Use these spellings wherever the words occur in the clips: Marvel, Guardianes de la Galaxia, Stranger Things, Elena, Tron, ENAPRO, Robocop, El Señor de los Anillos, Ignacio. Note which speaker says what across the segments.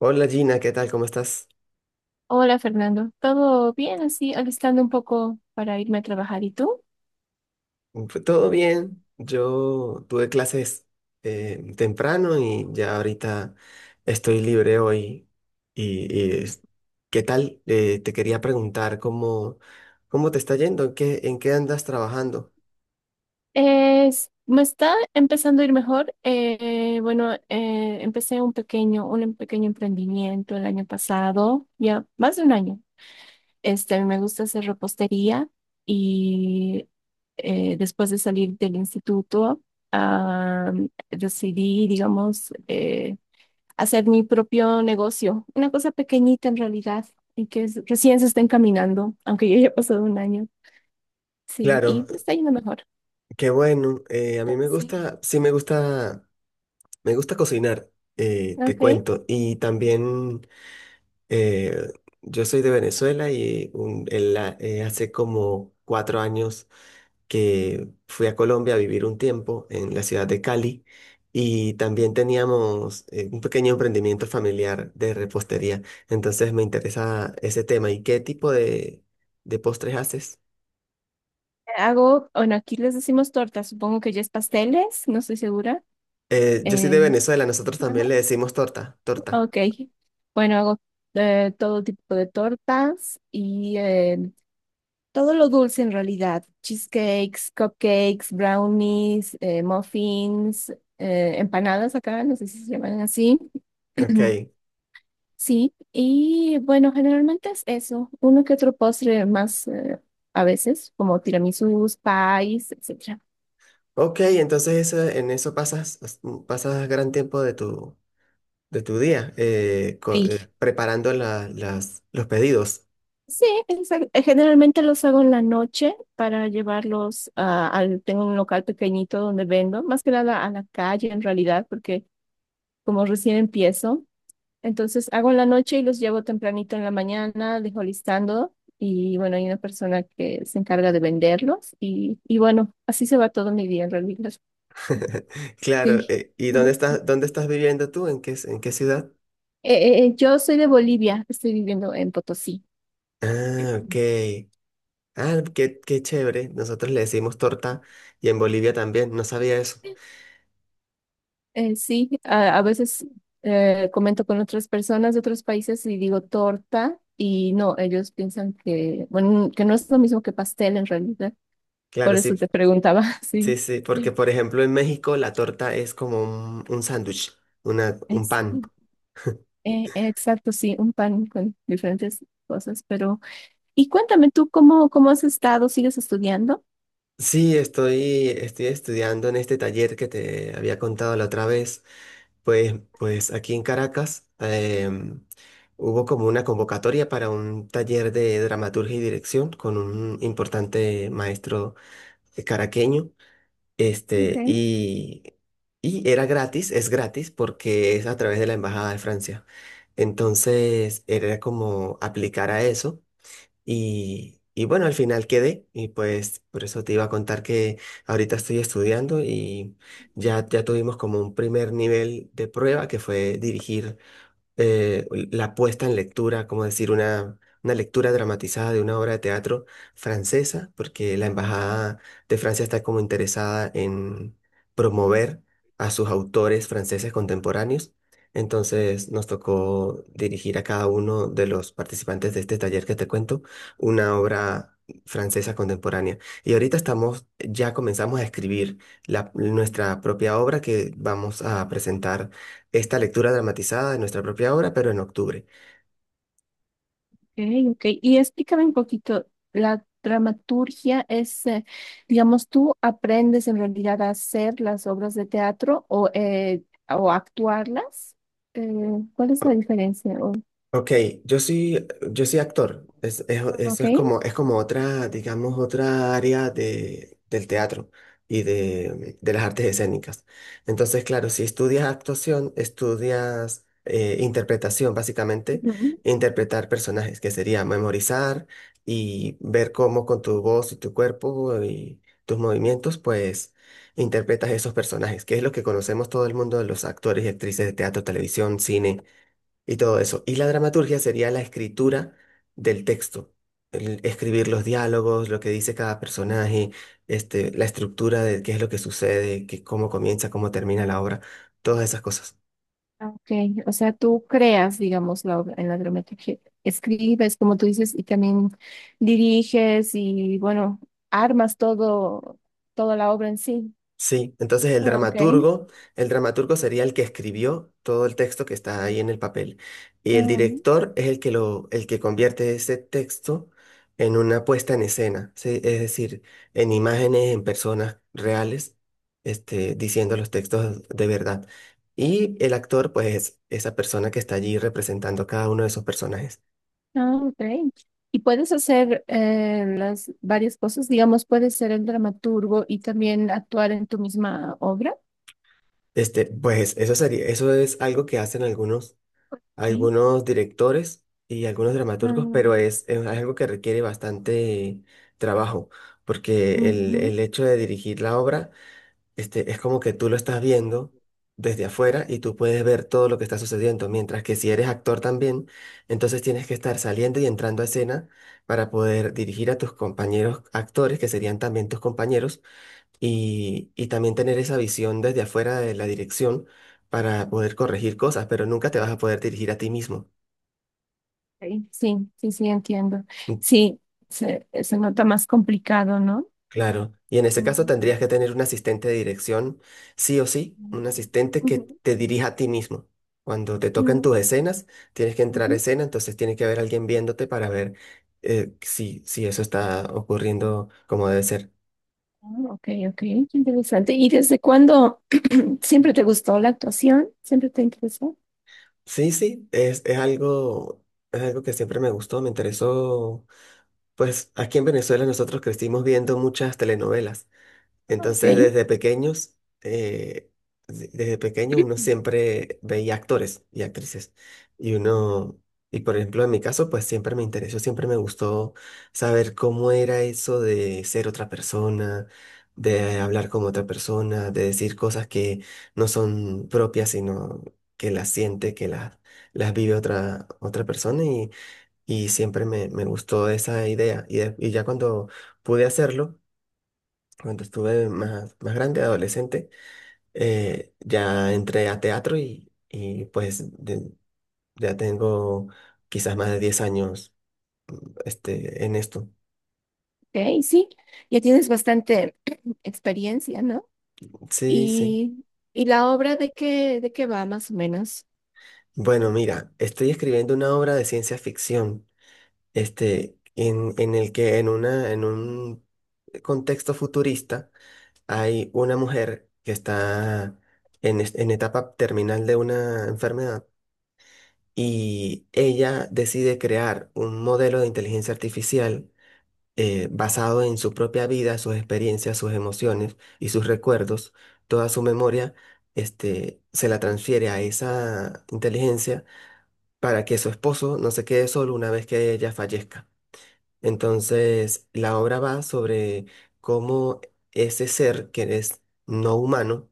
Speaker 1: Hola Gina, ¿qué tal? ¿Cómo estás?
Speaker 2: Hola Fernando, ¿todo bien así? Alistando un poco para irme a trabajar. ¿Y tú?
Speaker 1: Todo bien. Yo tuve clases temprano y ya ahorita estoy libre hoy. Y, y, es- ¿Qué tal? Te quería preguntar cómo te está yendo, en qué andas trabajando.
Speaker 2: Es- me está empezando a ir mejor. Bueno, empecé un pequeño emprendimiento el año pasado, ya más de un año. A mí me gusta hacer repostería y después de salir del instituto, ah, decidí, digamos, hacer mi propio negocio, una cosa pequeñita en realidad, y que es- recién se está encaminando, aunque ya haya pasado un año. Sí,
Speaker 1: Claro,
Speaker 2: y está yendo mejor.
Speaker 1: qué bueno. A mí me
Speaker 2: Sí,
Speaker 1: gusta, sí me gusta cocinar, te
Speaker 2: ok.
Speaker 1: cuento. Y también eh, yo soy de Venezuela y hace como 4 años que fui a Colombia a vivir un tiempo en la ciudad de Cali y también teníamos un pequeño emprendimiento familiar de repostería. Entonces me interesa ese tema. ¿Y qué tipo de postres haces?
Speaker 2: Hago, bueno, aquí les decimos tortas, supongo que ya es pasteles, no estoy segura.
Speaker 1: Yo soy de
Speaker 2: Eh,
Speaker 1: Venezuela, nosotros también le decimos torta, torta.
Speaker 2: Ok, bueno, hago todo tipo de tortas y todo lo dulce en realidad, cheesecakes, cupcakes, brownies, muffins, empanadas acá, no sé si se llaman así.
Speaker 1: Ok.
Speaker 2: Sí, y bueno, generalmente es eso, uno que otro postre más a veces, como tiramisús, pies, etcétera.
Speaker 1: Ok, entonces en eso pasas gran tiempo de de tu día
Speaker 2: Sí.
Speaker 1: preparando los pedidos.
Speaker 2: Sí, exa- generalmente los hago en la noche para llevarlos al, tengo un local pequeñito donde vendo, más que nada a la calle en realidad, porque como recién empiezo, entonces hago en la noche y los llevo tempranito en la mañana, dejo listando y bueno, hay una persona que se encarga de venderlos y bueno, así se va todo mi día en realidad.
Speaker 1: Claro,
Speaker 2: Sí.
Speaker 1: ¿y dónde estás viviendo tú? En qué ciudad?
Speaker 2: Yo soy de Bolivia, estoy viviendo en Potosí.
Speaker 1: Ah, ok. Ah, qué, qué chévere. Nosotros le decimos torta y en Bolivia también, no sabía eso.
Speaker 2: Sí, a veces comento con otras personas de otros países y digo torta y no, ellos piensan que, bueno, que no es lo mismo que pastel en realidad.
Speaker 1: Claro,
Speaker 2: Por eso
Speaker 1: sí,
Speaker 2: te preguntaba,
Speaker 1: sí,
Speaker 2: sí.
Speaker 1: sí, porque
Speaker 2: Eh,
Speaker 1: por ejemplo en México la torta es como un sándwich, una, un pan.
Speaker 2: sí, exacto, sí, un pan con diferentes cosas, pero... Y cuéntame tú, ¿cómo, cómo has estado? ¿Sigues estudiando?
Speaker 1: Sí, estoy, estoy estudiando en este taller que te había contado la otra vez. Pues aquí en Caracas hubo como una convocatoria para un taller de dramaturgia y dirección con un importante maestro caraqueño. Este,
Speaker 2: Okay.
Speaker 1: y, y era gratis, es gratis porque es a través de la Embajada de Francia. Entonces era como aplicar a eso y bueno, al final quedé y pues por eso te iba a contar que ahorita estoy estudiando y ya, ya tuvimos como un primer nivel de prueba que fue dirigir la puesta en lectura, como decir, una lectura dramatizada de una obra de teatro francesa, porque la Embajada de Francia está como interesada en promover a sus autores franceses contemporáneos. Entonces nos tocó dirigir a cada uno de los participantes de este taller que te cuento una obra francesa contemporánea. Y ahorita estamos, ya comenzamos a escribir nuestra propia obra que vamos a presentar esta lectura dramatizada de nuestra propia obra, pero en octubre.
Speaker 2: Ok, ok. Y explícame un poquito, la dramaturgia es, digamos, tú aprendes en realidad a hacer las obras de teatro o actuarlas. Eh, ¿Cuál es la diferencia? O-
Speaker 1: Ok, yo soy, yo soy actor. Eso
Speaker 2: ok.
Speaker 1: es como otra, digamos, otra área del teatro y de las artes escénicas. Entonces, claro, si estudias actuación, estudias interpretación, básicamente,
Speaker 2: Ujú.
Speaker 1: interpretar personajes, que sería memorizar y ver cómo con tu voz y tu cuerpo y tus movimientos, pues, interpretas esos personajes, que es lo que conocemos todo el mundo de los actores y actrices de teatro, televisión, cine y todo eso. Y la dramaturgia sería la escritura del texto, el escribir los diálogos, lo que dice cada personaje, este, la estructura de qué es lo que sucede, qué, cómo comienza, cómo termina la obra, todas esas cosas.
Speaker 2: Ok, o sea, tú creas, digamos, la obra en la dramaturgia, escribes, como tú dices, y también diriges y, bueno, armas todo, toda la obra en sí.
Speaker 1: Sí, entonces
Speaker 2: Ok.
Speaker 1: el dramaturgo sería el que escribió todo el texto que está ahí en el papel y el director es el que el que convierte ese texto en una puesta en escena, ¿sí? Es decir, en imágenes, en personas reales, este, diciendo los textos de verdad. Y el actor, pues, es esa persona que está allí representando cada uno de esos personajes.
Speaker 2: Ah, ok. Y puedes hacer las varias cosas, digamos, puedes ser el dramaturgo y también actuar en tu misma obra.
Speaker 1: Este, pues, eso sería, eso es algo que hacen
Speaker 2: Sí.
Speaker 1: algunos directores y algunos dramaturgos, pero
Speaker 2: Ah,
Speaker 1: es algo que requiere bastante trabajo, porque
Speaker 2: ujú.
Speaker 1: el hecho de dirigir la obra, este, es como que tú lo estás viendo desde afuera y tú puedes ver todo lo que está sucediendo, mientras que si eres actor también, entonces tienes que estar saliendo y entrando a escena para poder dirigir a tus compañeros actores, que serían también tus compañeros, y también tener esa visión desde afuera de la dirección para poder corregir cosas, pero nunca te vas a poder dirigir a ti mismo.
Speaker 2: Sí, sí, sí, sí, entiendo.
Speaker 1: Mm,
Speaker 2: Sí, se nota más complicado, ¿no?
Speaker 1: Claro, y en ese caso
Speaker 2: Ujú.
Speaker 1: tendrías que tener un asistente de dirección, sí o sí, un asistente que
Speaker 2: Ujú,
Speaker 1: te dirija a ti mismo. Cuando te tocan
Speaker 2: mm,
Speaker 1: tus escenas, tienes que entrar a
Speaker 2: ujú.
Speaker 1: escena, entonces tiene que haber alguien viéndote para ver si, si eso está ocurriendo como debe ser.
Speaker 2: Ah, Ok, ok, qué interesante. ¿Y desde cuándo siempre te gustó la actuación? ¿Siempre te interesó?
Speaker 1: Sí, sí, es algo que siempre me gustó, me interesó. Pues aquí en Venezuela nosotros crecimos viendo muchas telenovelas.
Speaker 2: Ah, ok,
Speaker 1: Entonces, desde pequeños, eh, desde pequeño uno siempre veía actores y actrices. Y uno, y por ejemplo, en mi caso, pues siempre me interesó, siempre me gustó saber cómo era eso de ser otra persona, de hablar como otra persona, de decir cosas que no son propias, sino que las siente, que las vive otra, otra persona. Y siempre me, me gustó esa idea. Y ya cuando pude hacerlo, cuando estuve más, más grande, adolescente, ya entré a teatro y pues ya tengo quizás más de 10 años este, en esto.
Speaker 2: ok, sí. Ya tienes bastante experiencia, ¿no?
Speaker 1: Sí, sí.
Speaker 2: ¿Y, y la obra de qué va más o menos?
Speaker 1: Bueno, mira, estoy escribiendo una obra de ciencia ficción, este, en el que en en un contexto futurista hay una mujer que está en etapa terminal de una enfermedad y ella decide crear un modelo de inteligencia artificial basado en su propia vida, sus experiencias, sus emociones y sus recuerdos, toda su memoria, este, se la transfiere a esa inteligencia para que su esposo no se quede solo una vez que ella fallezca. Entonces, la obra va sobre cómo ese ser que es no humano,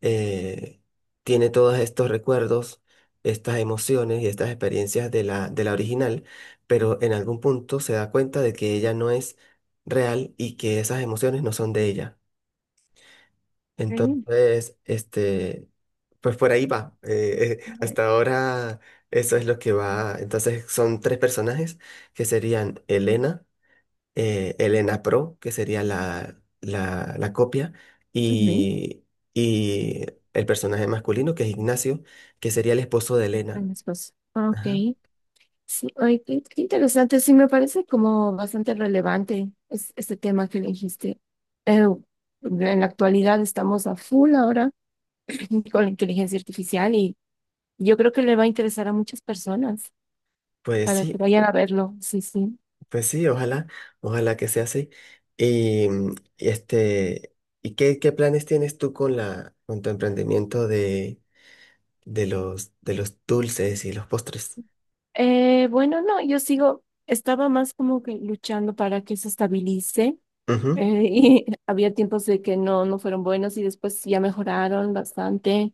Speaker 1: eh, tiene todos estos recuerdos, estas emociones y estas experiencias de de la original, pero en algún punto se da cuenta de que ella no es real y que esas emociones no son de ella.
Speaker 2: Ok.
Speaker 1: Entonces, este, pues por ahí va. Hasta ahora eso es lo que va. Entonces son tres personajes que serían Elena el ENAPRO, que sería la copia,
Speaker 2: Ujú.
Speaker 1: y, y el personaje masculino, que es Ignacio, que sería el esposo de Elena.
Speaker 2: En esposo. Ah, ok.
Speaker 1: Ajá.
Speaker 2: Sí, ay, qué, qué interesante. Sí, me parece como bastante relevante es- este tema que elegiste. Eh, en la actualidad estamos a full ahora con la inteligencia artificial y yo creo que le va a interesar a muchas personas
Speaker 1: Pues
Speaker 2: para que
Speaker 1: sí,
Speaker 2: vayan a verlo. Sí, sí.
Speaker 1: pues sí, ojalá, ojalá que sea así. Y este, ¿y qué, qué planes tienes tú con con tu emprendimiento de, de los dulces y los postres?
Speaker 2: Bueno, no, yo sigo, estaba más como que luchando para que se estabilice.
Speaker 1: Ujú,
Speaker 2: Y había tiempos de que no, no fueron buenos y después ya mejoraron bastante.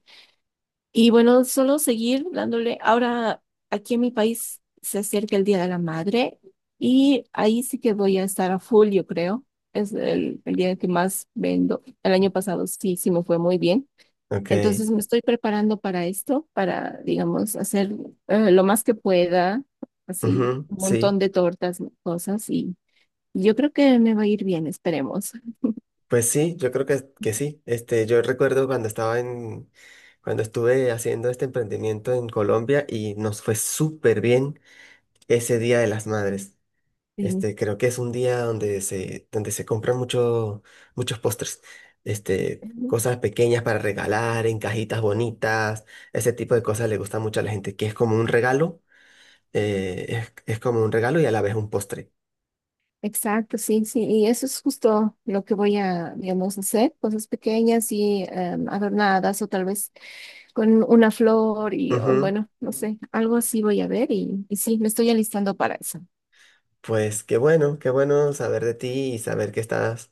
Speaker 2: Y bueno, solo seguir dándole. Ahora, aquí en mi país se acerca el Día de la Madre y ahí sí que voy a estar a full, yo creo. Es el día que más vendo. El año pasado sí, sí me fue muy bien.
Speaker 1: Ok,
Speaker 2: Entonces me estoy preparando para esto, para, digamos, hacer lo más que pueda, así
Speaker 1: ujú,
Speaker 2: un montón
Speaker 1: sí.
Speaker 2: de tortas, cosas, y yo creo que me va a ir bien, esperemos.
Speaker 1: Pues sí, yo creo que sí. Este, yo recuerdo cuando estaba en, cuando estuve haciendo este emprendimiento en Colombia y nos fue súper bien ese Día de las Madres.
Speaker 2: Sí.
Speaker 1: Este, creo que es un día donde se compran mucho, muchos postres. Este,
Speaker 2: Ujú.
Speaker 1: cosas pequeñas para regalar, en cajitas bonitas. Ese tipo de cosas le gusta mucho a la gente, que es como un regalo, es como un regalo y a la vez un postre.
Speaker 2: Exacto, sí, sí, y eso es justo lo que voy a, digamos, hacer, cosas pequeñas y adornadas o tal vez con una flor y, o,
Speaker 1: Ujú.
Speaker 2: bueno, no sé, algo así voy a ver y sí, me estoy alistando para eso.
Speaker 1: Pues qué bueno saber de ti y saber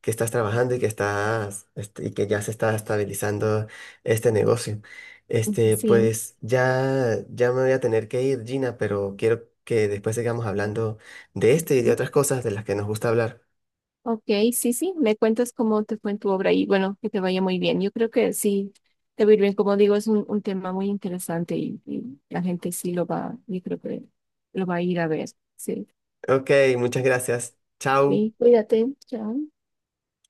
Speaker 1: que estás trabajando y que estás este, y que ya se está estabilizando este negocio. Este,
Speaker 2: Sí.
Speaker 1: pues ya, ya me voy a tener que ir, Gina, pero quiero que después sigamos hablando de este y de otras cosas de las que nos gusta hablar.
Speaker 2: Ok, sí, sí, me cuentas cómo te fue en tu obra y bueno, que te vaya muy bien. Yo creo que sí, te va a ir bien. Como digo, es un tema muy interesante y la gente sí lo va, yo creo que lo va a ir a ver. Sí,
Speaker 1: Ok, muchas gracias. Chao.
Speaker 2: sí, cuídate, chao.